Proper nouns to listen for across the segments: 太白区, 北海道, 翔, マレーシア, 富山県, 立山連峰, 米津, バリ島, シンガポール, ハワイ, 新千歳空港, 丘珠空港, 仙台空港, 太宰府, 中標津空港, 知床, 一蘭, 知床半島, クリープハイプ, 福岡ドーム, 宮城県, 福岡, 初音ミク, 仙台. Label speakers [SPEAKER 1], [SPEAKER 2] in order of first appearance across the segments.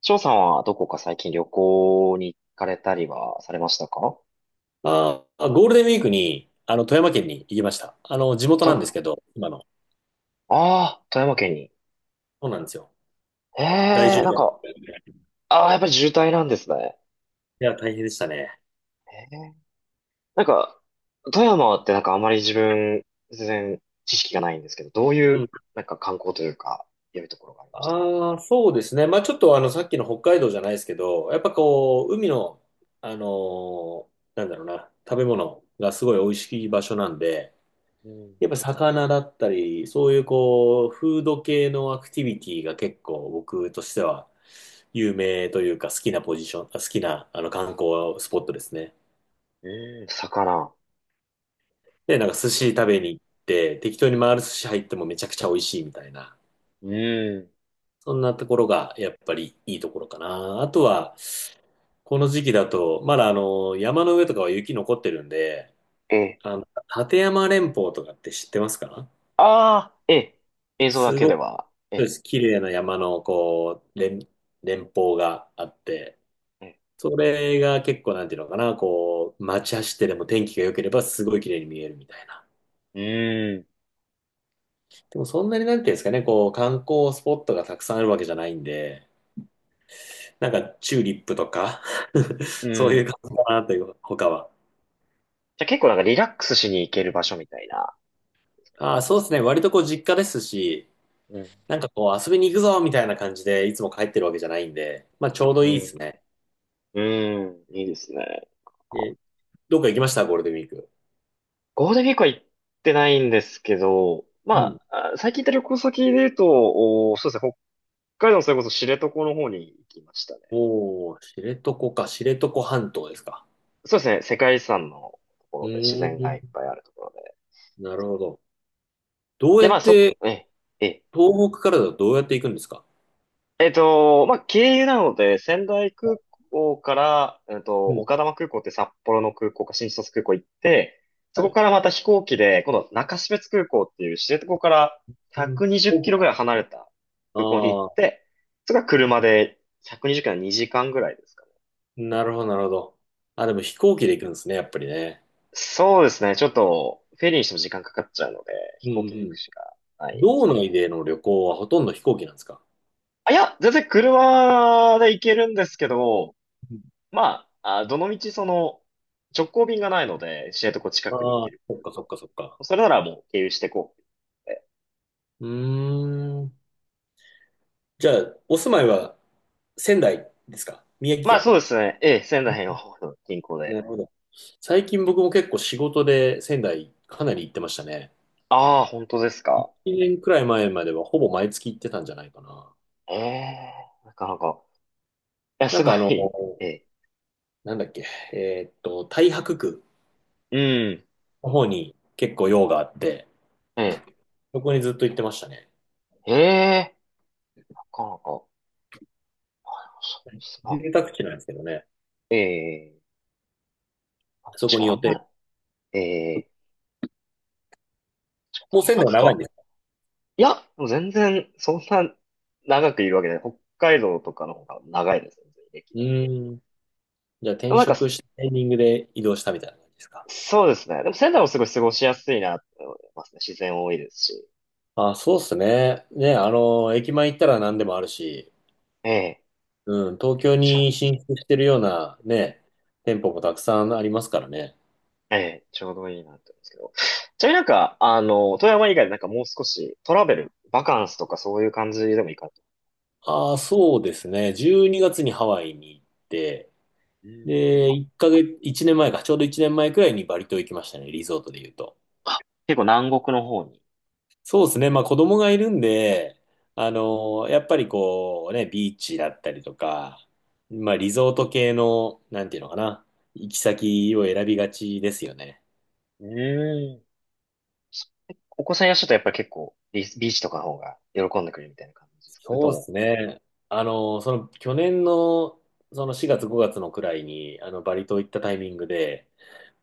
[SPEAKER 1] 翔さんはどこか最近旅行に行かれたりはされましたか？
[SPEAKER 2] ああ、ゴールデンウィークに、富山県に行きました。地元
[SPEAKER 1] と、
[SPEAKER 2] なんです
[SPEAKER 1] あ
[SPEAKER 2] けど、今の。
[SPEAKER 1] あー、富山県に。
[SPEAKER 2] そうなんですよ。
[SPEAKER 1] え
[SPEAKER 2] 大
[SPEAKER 1] え、
[SPEAKER 2] 渋
[SPEAKER 1] なん
[SPEAKER 2] 滞。
[SPEAKER 1] か、ああ、やっぱり渋滞なんですね。
[SPEAKER 2] いや、大変でしたね。
[SPEAKER 1] ええ、なんか、富山ってなんかあまり自分、全然知識がないんですけど、どうい
[SPEAKER 2] う
[SPEAKER 1] う、
[SPEAKER 2] ん。
[SPEAKER 1] なんか観光というか、良いところがありました？
[SPEAKER 2] ああ、そうですね。まあ、ちょっと、さっきの北海道じゃないですけど、やっぱこう、海の、あのーなんだろうな、食べ物がすごい美味しい場所なんで、
[SPEAKER 1] うん。
[SPEAKER 2] やっぱ魚だったり、そういうこう、フード系のアクティビティが結構僕としては有名というか好きなポジション、あ好きな観光スポットですね。
[SPEAKER 1] え、魚。
[SPEAKER 2] で、なんか寿司食べに行って、適当に回る寿司入ってもめちゃくちゃ美味しいみたいな。
[SPEAKER 1] うん。
[SPEAKER 2] そんなところがやっぱりいいところかな。あとは、この時期だと、まだ、山の上とかは雪残ってるんで、
[SPEAKER 1] ええ。
[SPEAKER 2] あの、立山連峰とかって知ってますか？
[SPEAKER 1] ああ、ええ。映像だ
[SPEAKER 2] す
[SPEAKER 1] けで
[SPEAKER 2] ごく
[SPEAKER 1] は。ええ。
[SPEAKER 2] 綺麗な山のこう、連峰があって、それが結構なんていうのかな、こう、街走ってでも天気が良ければすごい綺麗に見えるみたいな。
[SPEAKER 1] ええ、
[SPEAKER 2] でもそんなになんていうんですかね、こう、観光スポットがたくさんあるわけじゃないんで、なんかチューリップとか
[SPEAKER 1] うん。
[SPEAKER 2] そう
[SPEAKER 1] う
[SPEAKER 2] いう
[SPEAKER 1] ん。
[SPEAKER 2] 感じかなという、他は。
[SPEAKER 1] じゃあ結構なんかリラックスしに行ける場所みたいな。
[SPEAKER 2] ああ、そうですね。割とこう実家ですし、
[SPEAKER 1] うん、
[SPEAKER 2] なんかこう遊びに行くぞみたいな感じでいつも帰ってるわけじゃないんで、まあちょうどい
[SPEAKER 1] う
[SPEAKER 2] いです
[SPEAKER 1] ん。
[SPEAKER 2] ね。
[SPEAKER 1] うん。いいですね。ゴ
[SPEAKER 2] え、どっか行きましたゴールデンウィーク？
[SPEAKER 1] ールデンウィークは行ってないんですけど、
[SPEAKER 2] う
[SPEAKER 1] ま
[SPEAKER 2] ん。
[SPEAKER 1] あ、あ、最近行った旅行先で言うと、お、そうですね、北海道のそれこそ知床の方に行きましたね。
[SPEAKER 2] おー、知床か、知床半島ですか？
[SPEAKER 1] そうですね、世界遺産のとこ
[SPEAKER 2] う
[SPEAKER 1] ろで自
[SPEAKER 2] ー
[SPEAKER 1] 然がい
[SPEAKER 2] ん、
[SPEAKER 1] っぱいあるところで。
[SPEAKER 2] なるほど。どう
[SPEAKER 1] で、
[SPEAKER 2] や
[SPEAKER 1] まあ
[SPEAKER 2] っ
[SPEAKER 1] そ、
[SPEAKER 2] て、
[SPEAKER 1] え、え、
[SPEAKER 2] 東北からだとどうやって行くんですか？
[SPEAKER 1] えっと、まあ、経由なので、仙台
[SPEAKER 2] は
[SPEAKER 1] 空
[SPEAKER 2] い。
[SPEAKER 1] 港から、
[SPEAKER 2] うん。
[SPEAKER 1] 丘珠空港って札幌の空港か新千歳空港行って、そ
[SPEAKER 2] は
[SPEAKER 1] こ
[SPEAKER 2] い。
[SPEAKER 1] からまた飛行機で、今度中標津空港っていう知床から
[SPEAKER 2] うん、
[SPEAKER 1] 120
[SPEAKER 2] 飛
[SPEAKER 1] キ
[SPEAKER 2] 行
[SPEAKER 1] ロぐ
[SPEAKER 2] 機。
[SPEAKER 1] らい離れた空港に行っ
[SPEAKER 2] あ
[SPEAKER 1] て、それから車で120キロは2時間ぐらいですかね。
[SPEAKER 2] あ、なるほど、なるほど。あ、でも飛行機で行くんですね、やっぱりね。
[SPEAKER 1] そうですね。ちょっと、フェリーにしても時間かかっちゃうので、
[SPEAKER 2] う
[SPEAKER 1] 飛
[SPEAKER 2] ん、う
[SPEAKER 1] 行機で行く
[SPEAKER 2] ん。
[SPEAKER 1] しかないで
[SPEAKER 2] 道
[SPEAKER 1] す。
[SPEAKER 2] 内での旅行はほとんど飛行機なんですか？
[SPEAKER 1] あ、いや、全然車で行けるんですけど、
[SPEAKER 2] うん。
[SPEAKER 1] まあ、あ、どの道その、直行便がないので、知床近くに行
[SPEAKER 2] ああ
[SPEAKER 1] け
[SPEAKER 2] ー、
[SPEAKER 1] る
[SPEAKER 2] そっ
[SPEAKER 1] 空
[SPEAKER 2] かそっ
[SPEAKER 1] 港。
[SPEAKER 2] かそっか。
[SPEAKER 1] それならもう経由してこう。え、
[SPEAKER 2] うーん。じゃあ、お住まいは仙台ですか、宮城
[SPEAKER 1] まあ、
[SPEAKER 2] 県？
[SPEAKER 1] そうですね。ええ、仙台の方の近郊で。
[SPEAKER 2] なるほど。最近僕も結構仕事で仙台かなり行ってましたね。
[SPEAKER 1] ああ、本当です
[SPEAKER 2] 1
[SPEAKER 1] か。
[SPEAKER 2] 年くらい前まではほぼ毎月行ってたんじゃないかな。
[SPEAKER 1] ええ、なかなか。いや、
[SPEAKER 2] な
[SPEAKER 1] す
[SPEAKER 2] ん
[SPEAKER 1] ご
[SPEAKER 2] かあの、
[SPEAKER 1] い。ええ、
[SPEAKER 2] なんだっけ、えーっと、太白区
[SPEAKER 1] うん。
[SPEAKER 2] の方に結構用があって、
[SPEAKER 1] え
[SPEAKER 2] そこにずっと行ってましたね。
[SPEAKER 1] え、ええ、なかなか。そうですな。
[SPEAKER 2] 住宅地なんですけどね。
[SPEAKER 1] ええ、あ、
[SPEAKER 2] そ
[SPEAKER 1] 確
[SPEAKER 2] こ
[SPEAKER 1] か
[SPEAKER 2] に
[SPEAKER 1] にあ
[SPEAKER 2] 予
[SPEAKER 1] んま
[SPEAKER 2] 定。
[SPEAKER 1] り、ええ、
[SPEAKER 2] もう
[SPEAKER 1] 大
[SPEAKER 2] 仙台
[SPEAKER 1] 学
[SPEAKER 2] 長いん
[SPEAKER 1] か。
[SPEAKER 2] ですか？
[SPEAKER 1] いや、もう全然、そんな長くいるわけで、北海道とかの方が長いです、全然歴
[SPEAKER 2] う
[SPEAKER 1] は。
[SPEAKER 2] ーん。じゃあ
[SPEAKER 1] でも
[SPEAKER 2] 転
[SPEAKER 1] なんか、
[SPEAKER 2] 職したタイミングで移動したみたいな感じですか。
[SPEAKER 1] そうですね。でも仙台もすごい過ごしやすいなって思いますね。自然多いですし。
[SPEAKER 2] あ、そうっすね。ね、あの、駅前行ったら何でもあるし、
[SPEAKER 1] ええ、
[SPEAKER 2] うん、東京
[SPEAKER 1] ちょ、
[SPEAKER 2] に進出してるようなね、店舗もたくさんありますからね。
[SPEAKER 1] ええ、ちょうどいいなって思うんですけど。ちなみになんか、あの、富山以外でなんかもう少しトラベル、バカンスとかそういう感じでもいいかと思っ
[SPEAKER 2] ああ、そうですね。12月にがつにハワイに行って、
[SPEAKER 1] たんで。うん、
[SPEAKER 2] で、1ヶ月、1年前か、ちょうど1年前くらいにバリ島行きましたね、リゾートで言うと。
[SPEAKER 1] 結構南国の方に。
[SPEAKER 2] そうですね。まあ子供がいるんで、あのやっぱりこうね、ビーチだったりとか、まあリゾート系の、なんていうのかな、行き先を選びがちですよね。
[SPEAKER 1] うん。お子さんいらっしゃるとやっぱり結構ビー、ビーチとかの方が喜んでくれるみたいな感じですか、それと
[SPEAKER 2] そうで
[SPEAKER 1] も？
[SPEAKER 2] すね。去年のその4月5月のくらいに、あのバリ島行ったタイミングで、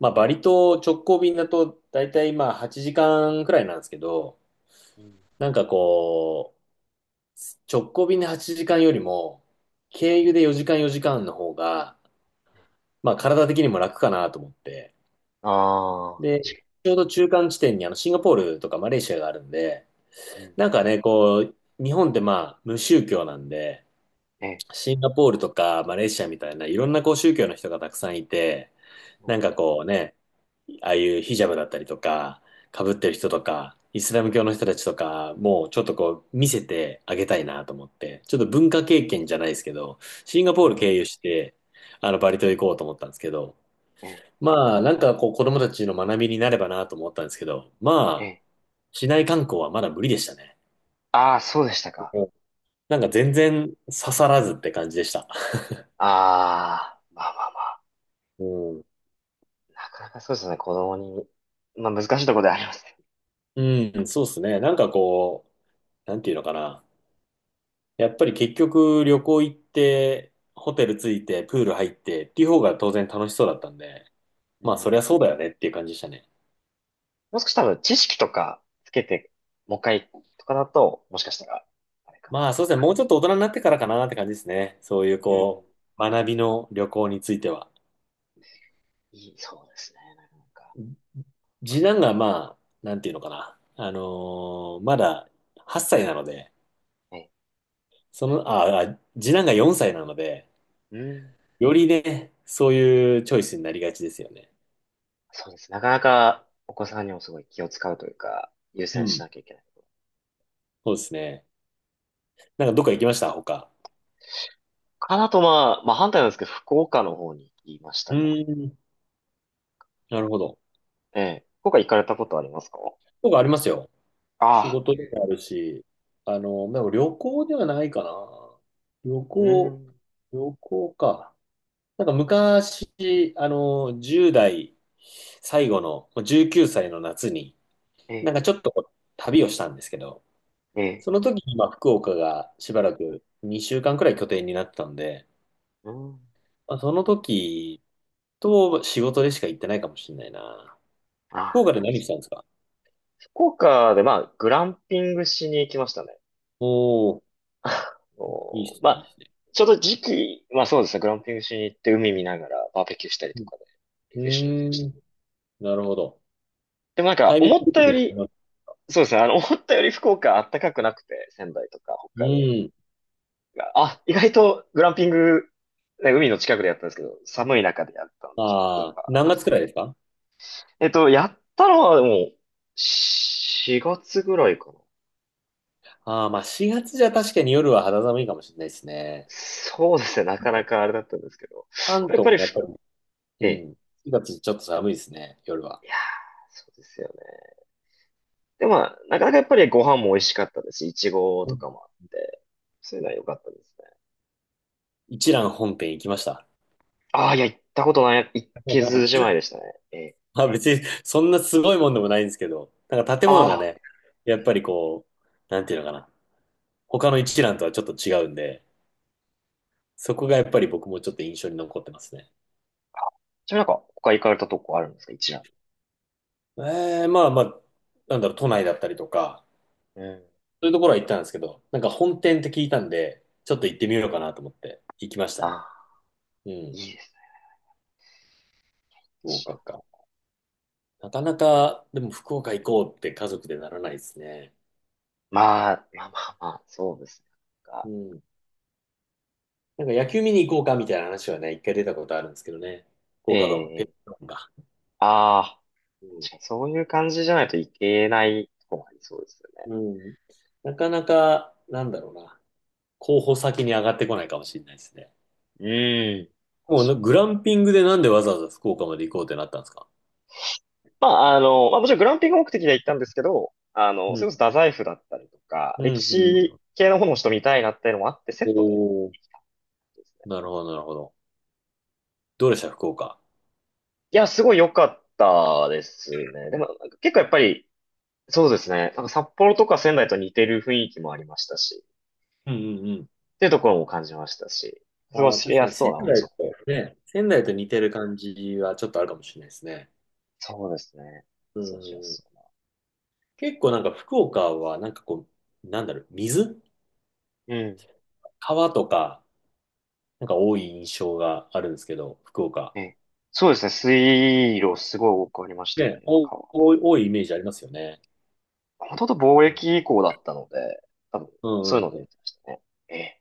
[SPEAKER 2] まあバリ島直行便だと大体まあ8時間くらいなんですけど、
[SPEAKER 1] うん、
[SPEAKER 2] なんかこう、直行便で8時間よりも、経由で4時間の方が、まあ体的にも楽かなと思って、
[SPEAKER 1] ああ、
[SPEAKER 2] ちょうど中間地点にあのシンガポールとかマレーシアがあるんで、
[SPEAKER 1] うん、
[SPEAKER 2] なんかね、こう、日本ってまあ無宗教なんで、
[SPEAKER 1] ええ、
[SPEAKER 2] シンガポールとかマレーシアみたいないろんなこう宗教の人がたくさんいて、
[SPEAKER 1] う
[SPEAKER 2] な
[SPEAKER 1] ん、
[SPEAKER 2] んかこうね、ああいうヒジャブだったりとか、被ってる人とか、イスラム教の人たちとか、もうちょっとこう見せてあげたいなと思って、ちょっと文化経験じゃないですけど、シンガ
[SPEAKER 1] う
[SPEAKER 2] ポール経
[SPEAKER 1] ん、
[SPEAKER 2] 由して、あのバリ島行こうと思ったんですけど、
[SPEAKER 1] ええ、
[SPEAKER 2] まあ、なんかこう子供たちの学びになればなと思ったんですけど、
[SPEAKER 1] え
[SPEAKER 2] まあ、
[SPEAKER 1] え。
[SPEAKER 2] 市内観光はまだ無理でしたね。
[SPEAKER 1] ああ、そうでしたか。
[SPEAKER 2] うん。なんか全然刺さらずって感じでした。
[SPEAKER 1] ああ、まあまあまあ、
[SPEAKER 2] うん、
[SPEAKER 1] なかなかそうですね、子供に。まあ難しいところではありますね。
[SPEAKER 2] うん、そうですね。なんかこう、なんていうのかな。やっぱり結局旅行行って、ホテル着いて、プール入ってっていう方が当然楽しそうだったんで、
[SPEAKER 1] う
[SPEAKER 2] まあそりゃ
[SPEAKER 1] ん。
[SPEAKER 2] そうだよねっていう感じでしたね。
[SPEAKER 1] もう少し多分知識とかつけて、もう一回とかだと、もしかしたら、あれかな。
[SPEAKER 2] まあそうですね。もうちょっと大人になってからかなって感じですね。そういう
[SPEAKER 1] うん。
[SPEAKER 2] こう、学びの旅行については。
[SPEAKER 1] いい、そうですね、なかなか。
[SPEAKER 2] 次男がまあ、なんていうのかな。あのーまだ8歳なので、
[SPEAKER 1] ね。
[SPEAKER 2] その、ああ、次男が4歳なので、
[SPEAKER 1] うん。
[SPEAKER 2] よりね、そういうチョイスになりがちですよね。
[SPEAKER 1] そうです。なかなかお子さんにもすごい気を使うというか、優
[SPEAKER 2] う
[SPEAKER 1] 先し
[SPEAKER 2] ん。
[SPEAKER 1] なきゃいけない。
[SPEAKER 2] そうですね。なんかどっか行きました他。
[SPEAKER 1] かなと、まあ、まあ反対なんですけど、福岡の方に行きまし
[SPEAKER 2] う
[SPEAKER 1] たか
[SPEAKER 2] ーん。なるほど。
[SPEAKER 1] ら。ええ。福岡行かれたことありますか？
[SPEAKER 2] 僕ありますよ。
[SPEAKER 1] あ
[SPEAKER 2] 仕
[SPEAKER 1] あ。
[SPEAKER 2] 事でもあるし、あの、でも旅行ではないかな。旅
[SPEAKER 1] う
[SPEAKER 2] 行、
[SPEAKER 1] ん。
[SPEAKER 2] 旅行か。なんか昔、あの、10代最後の、19歳の夏に、
[SPEAKER 1] え
[SPEAKER 2] なん
[SPEAKER 1] え、
[SPEAKER 2] かちょっとこう旅をしたんですけど、
[SPEAKER 1] ええ。
[SPEAKER 2] その時にまあ福岡がしばらく2週間くらい拠点になってたんで、
[SPEAKER 1] うん。
[SPEAKER 2] まあ、その時と仕事でしか行ってないかもしれないな。福
[SPEAKER 1] あ
[SPEAKER 2] 岡
[SPEAKER 1] あ。
[SPEAKER 2] で何したんですか？
[SPEAKER 1] 福岡で、まあ、グランピングしに行きましたね。
[SPEAKER 2] おおー、
[SPEAKER 1] あ
[SPEAKER 2] いいっ
[SPEAKER 1] の
[SPEAKER 2] す
[SPEAKER 1] ま
[SPEAKER 2] ね、いいっ
[SPEAKER 1] あ、
[SPEAKER 2] すね。
[SPEAKER 1] ちょうど時期、まあそうですね、グランピングしに行って海見ながらバーベキューしたり
[SPEAKER 2] う
[SPEAKER 1] と
[SPEAKER 2] ん、
[SPEAKER 1] かで、リ
[SPEAKER 2] う
[SPEAKER 1] フレッシュに行きました。
[SPEAKER 2] ーん。なるほど。
[SPEAKER 1] でもなんか、
[SPEAKER 2] タイミン
[SPEAKER 1] 思っ
[SPEAKER 2] グ
[SPEAKER 1] た
[SPEAKER 2] 的
[SPEAKER 1] よ
[SPEAKER 2] に
[SPEAKER 1] り、
[SPEAKER 2] は、
[SPEAKER 1] そうですね、あの、思ったより福岡あったかくなくて、仙台とか
[SPEAKER 2] う
[SPEAKER 1] 北海道
[SPEAKER 2] ん。
[SPEAKER 1] が、あ、意外とグランピング、ね、海の近くでやったんですけど、寒い中でやったので、ちょっとそれ
[SPEAKER 2] ああ、
[SPEAKER 1] はあれ
[SPEAKER 2] 何
[SPEAKER 1] で
[SPEAKER 2] 月
[SPEAKER 1] す
[SPEAKER 2] く
[SPEAKER 1] ね。
[SPEAKER 2] らいですか？
[SPEAKER 1] やったのはでも、4月ぐらいかな。
[SPEAKER 2] ああ、まあ4月じゃ確かに夜は肌寒いかもしれないですね。
[SPEAKER 1] そうですね、なかなかあれだったんですけど、
[SPEAKER 2] 関
[SPEAKER 1] やっ
[SPEAKER 2] 東
[SPEAKER 1] ぱり、
[SPEAKER 2] もやっぱり、
[SPEAKER 1] え
[SPEAKER 2] う
[SPEAKER 1] え。
[SPEAKER 2] ん、4月ちょっと寒いですね、夜は。
[SPEAKER 1] いやー、そうですよね。でもまあ、なかなかやっぱりご飯も美味しかったですし、いちご
[SPEAKER 2] う
[SPEAKER 1] と
[SPEAKER 2] ん。
[SPEAKER 1] かもあって、そういうのは良かったですね。
[SPEAKER 2] 一蘭本店行きました。
[SPEAKER 1] ああ、いや、行ったことない、行けずじ まいでしたね。ええ。
[SPEAKER 2] まあ別にそんなすごいもんでもないんですけど、なんか建物が
[SPEAKER 1] あ
[SPEAKER 2] ね、やっ
[SPEAKER 1] あ、え
[SPEAKER 2] ぱり
[SPEAKER 1] え、
[SPEAKER 2] こう、なんていうのかな、他の一覧とはちょっと違うんで、そこがやっぱり僕もちょっと印象に残ってますね。
[SPEAKER 1] ちなみになんか、他行かれたとこあるんですか、一覧。
[SPEAKER 2] えー、まあまあ、なんだろう、都内だったりとか、
[SPEAKER 1] うん。
[SPEAKER 2] そういうところは行ったんですけど、なんか本店って聞いたんで、ちょっと行ってみようかなと思って行きました
[SPEAKER 1] あ
[SPEAKER 2] ね。
[SPEAKER 1] あ、
[SPEAKER 2] うん、
[SPEAKER 1] いいですね。
[SPEAKER 2] 福
[SPEAKER 1] 一覧、
[SPEAKER 2] 岡か。なかなか、でも福岡行こうって家族でならないですね。
[SPEAKER 1] まあ、まあまあまあ、そうですね。なん
[SPEAKER 2] う
[SPEAKER 1] か、
[SPEAKER 2] ん。なんか野球見に行こうかみたいな話はね、一回出たことあるんですけどね。福
[SPEAKER 1] え
[SPEAKER 2] 岡ドーム、ペッ
[SPEAKER 1] え、
[SPEAKER 2] トドームか。
[SPEAKER 1] ああ、
[SPEAKER 2] うん。
[SPEAKER 1] 確かにそういう感じじゃないといけないとこもありそうですよ
[SPEAKER 2] うん。なかなか、なんだろうな。候補先に上がってこないかもしれないですね。
[SPEAKER 1] ね。うん。確
[SPEAKER 2] もう
[SPEAKER 1] か
[SPEAKER 2] な
[SPEAKER 1] に、
[SPEAKER 2] グランピングでなんでわざわざ福岡まで行こうってなったんですか？
[SPEAKER 1] まあ、あの、まあ、もちろんグランピング目的で行ったんですけど、あの、
[SPEAKER 2] う
[SPEAKER 1] そ
[SPEAKER 2] ん。
[SPEAKER 1] れこそ太宰府だったりとか、
[SPEAKER 2] うん、
[SPEAKER 1] 歴
[SPEAKER 2] うんう
[SPEAKER 1] 史
[SPEAKER 2] ん。
[SPEAKER 1] 系の方の人見たいなっていうのもあって、セ
[SPEAKER 2] お
[SPEAKER 1] ットで
[SPEAKER 2] お、
[SPEAKER 1] 行きたんですね。
[SPEAKER 2] なるほど、なるほど。どうでした福岡？
[SPEAKER 1] いや、すごい良かったですね。でも、なんか結構やっぱり、そうですね。なんか札幌とか仙台と似てる雰囲気もありましたし、
[SPEAKER 2] うんうんうん。
[SPEAKER 1] っていうところも感じましたし、過ご
[SPEAKER 2] ああ、
[SPEAKER 1] し
[SPEAKER 2] 確か
[SPEAKER 1] や
[SPEAKER 2] に
[SPEAKER 1] すそう
[SPEAKER 2] 仙
[SPEAKER 1] な
[SPEAKER 2] 台
[SPEAKER 1] 街なん
[SPEAKER 2] と、ね、仙
[SPEAKER 1] で。
[SPEAKER 2] 台
[SPEAKER 1] え、
[SPEAKER 2] と似てる感じはちょっとあるかもしれないですね。
[SPEAKER 1] そうですね。
[SPEAKER 2] う
[SPEAKER 1] 過ごしや
[SPEAKER 2] ん。
[SPEAKER 1] すそ
[SPEAKER 2] 結構なんか福岡はなんかこう、なんだろう、水
[SPEAKER 1] うな。うん。
[SPEAKER 2] 川とか、なんか多い印象があるんですけど、福岡。
[SPEAKER 1] え、そうですね。水路すごい多くありました
[SPEAKER 2] ね、
[SPEAKER 1] ね。
[SPEAKER 2] お
[SPEAKER 1] 川
[SPEAKER 2] 多い、お多いイメージありますよね。
[SPEAKER 1] ほとんど貿
[SPEAKER 2] うん、
[SPEAKER 1] 易以降だったので、多分、
[SPEAKER 2] う
[SPEAKER 1] そういう
[SPEAKER 2] ん、
[SPEAKER 1] のでや
[SPEAKER 2] う
[SPEAKER 1] っ
[SPEAKER 2] ん。
[SPEAKER 1] てましたね。ええ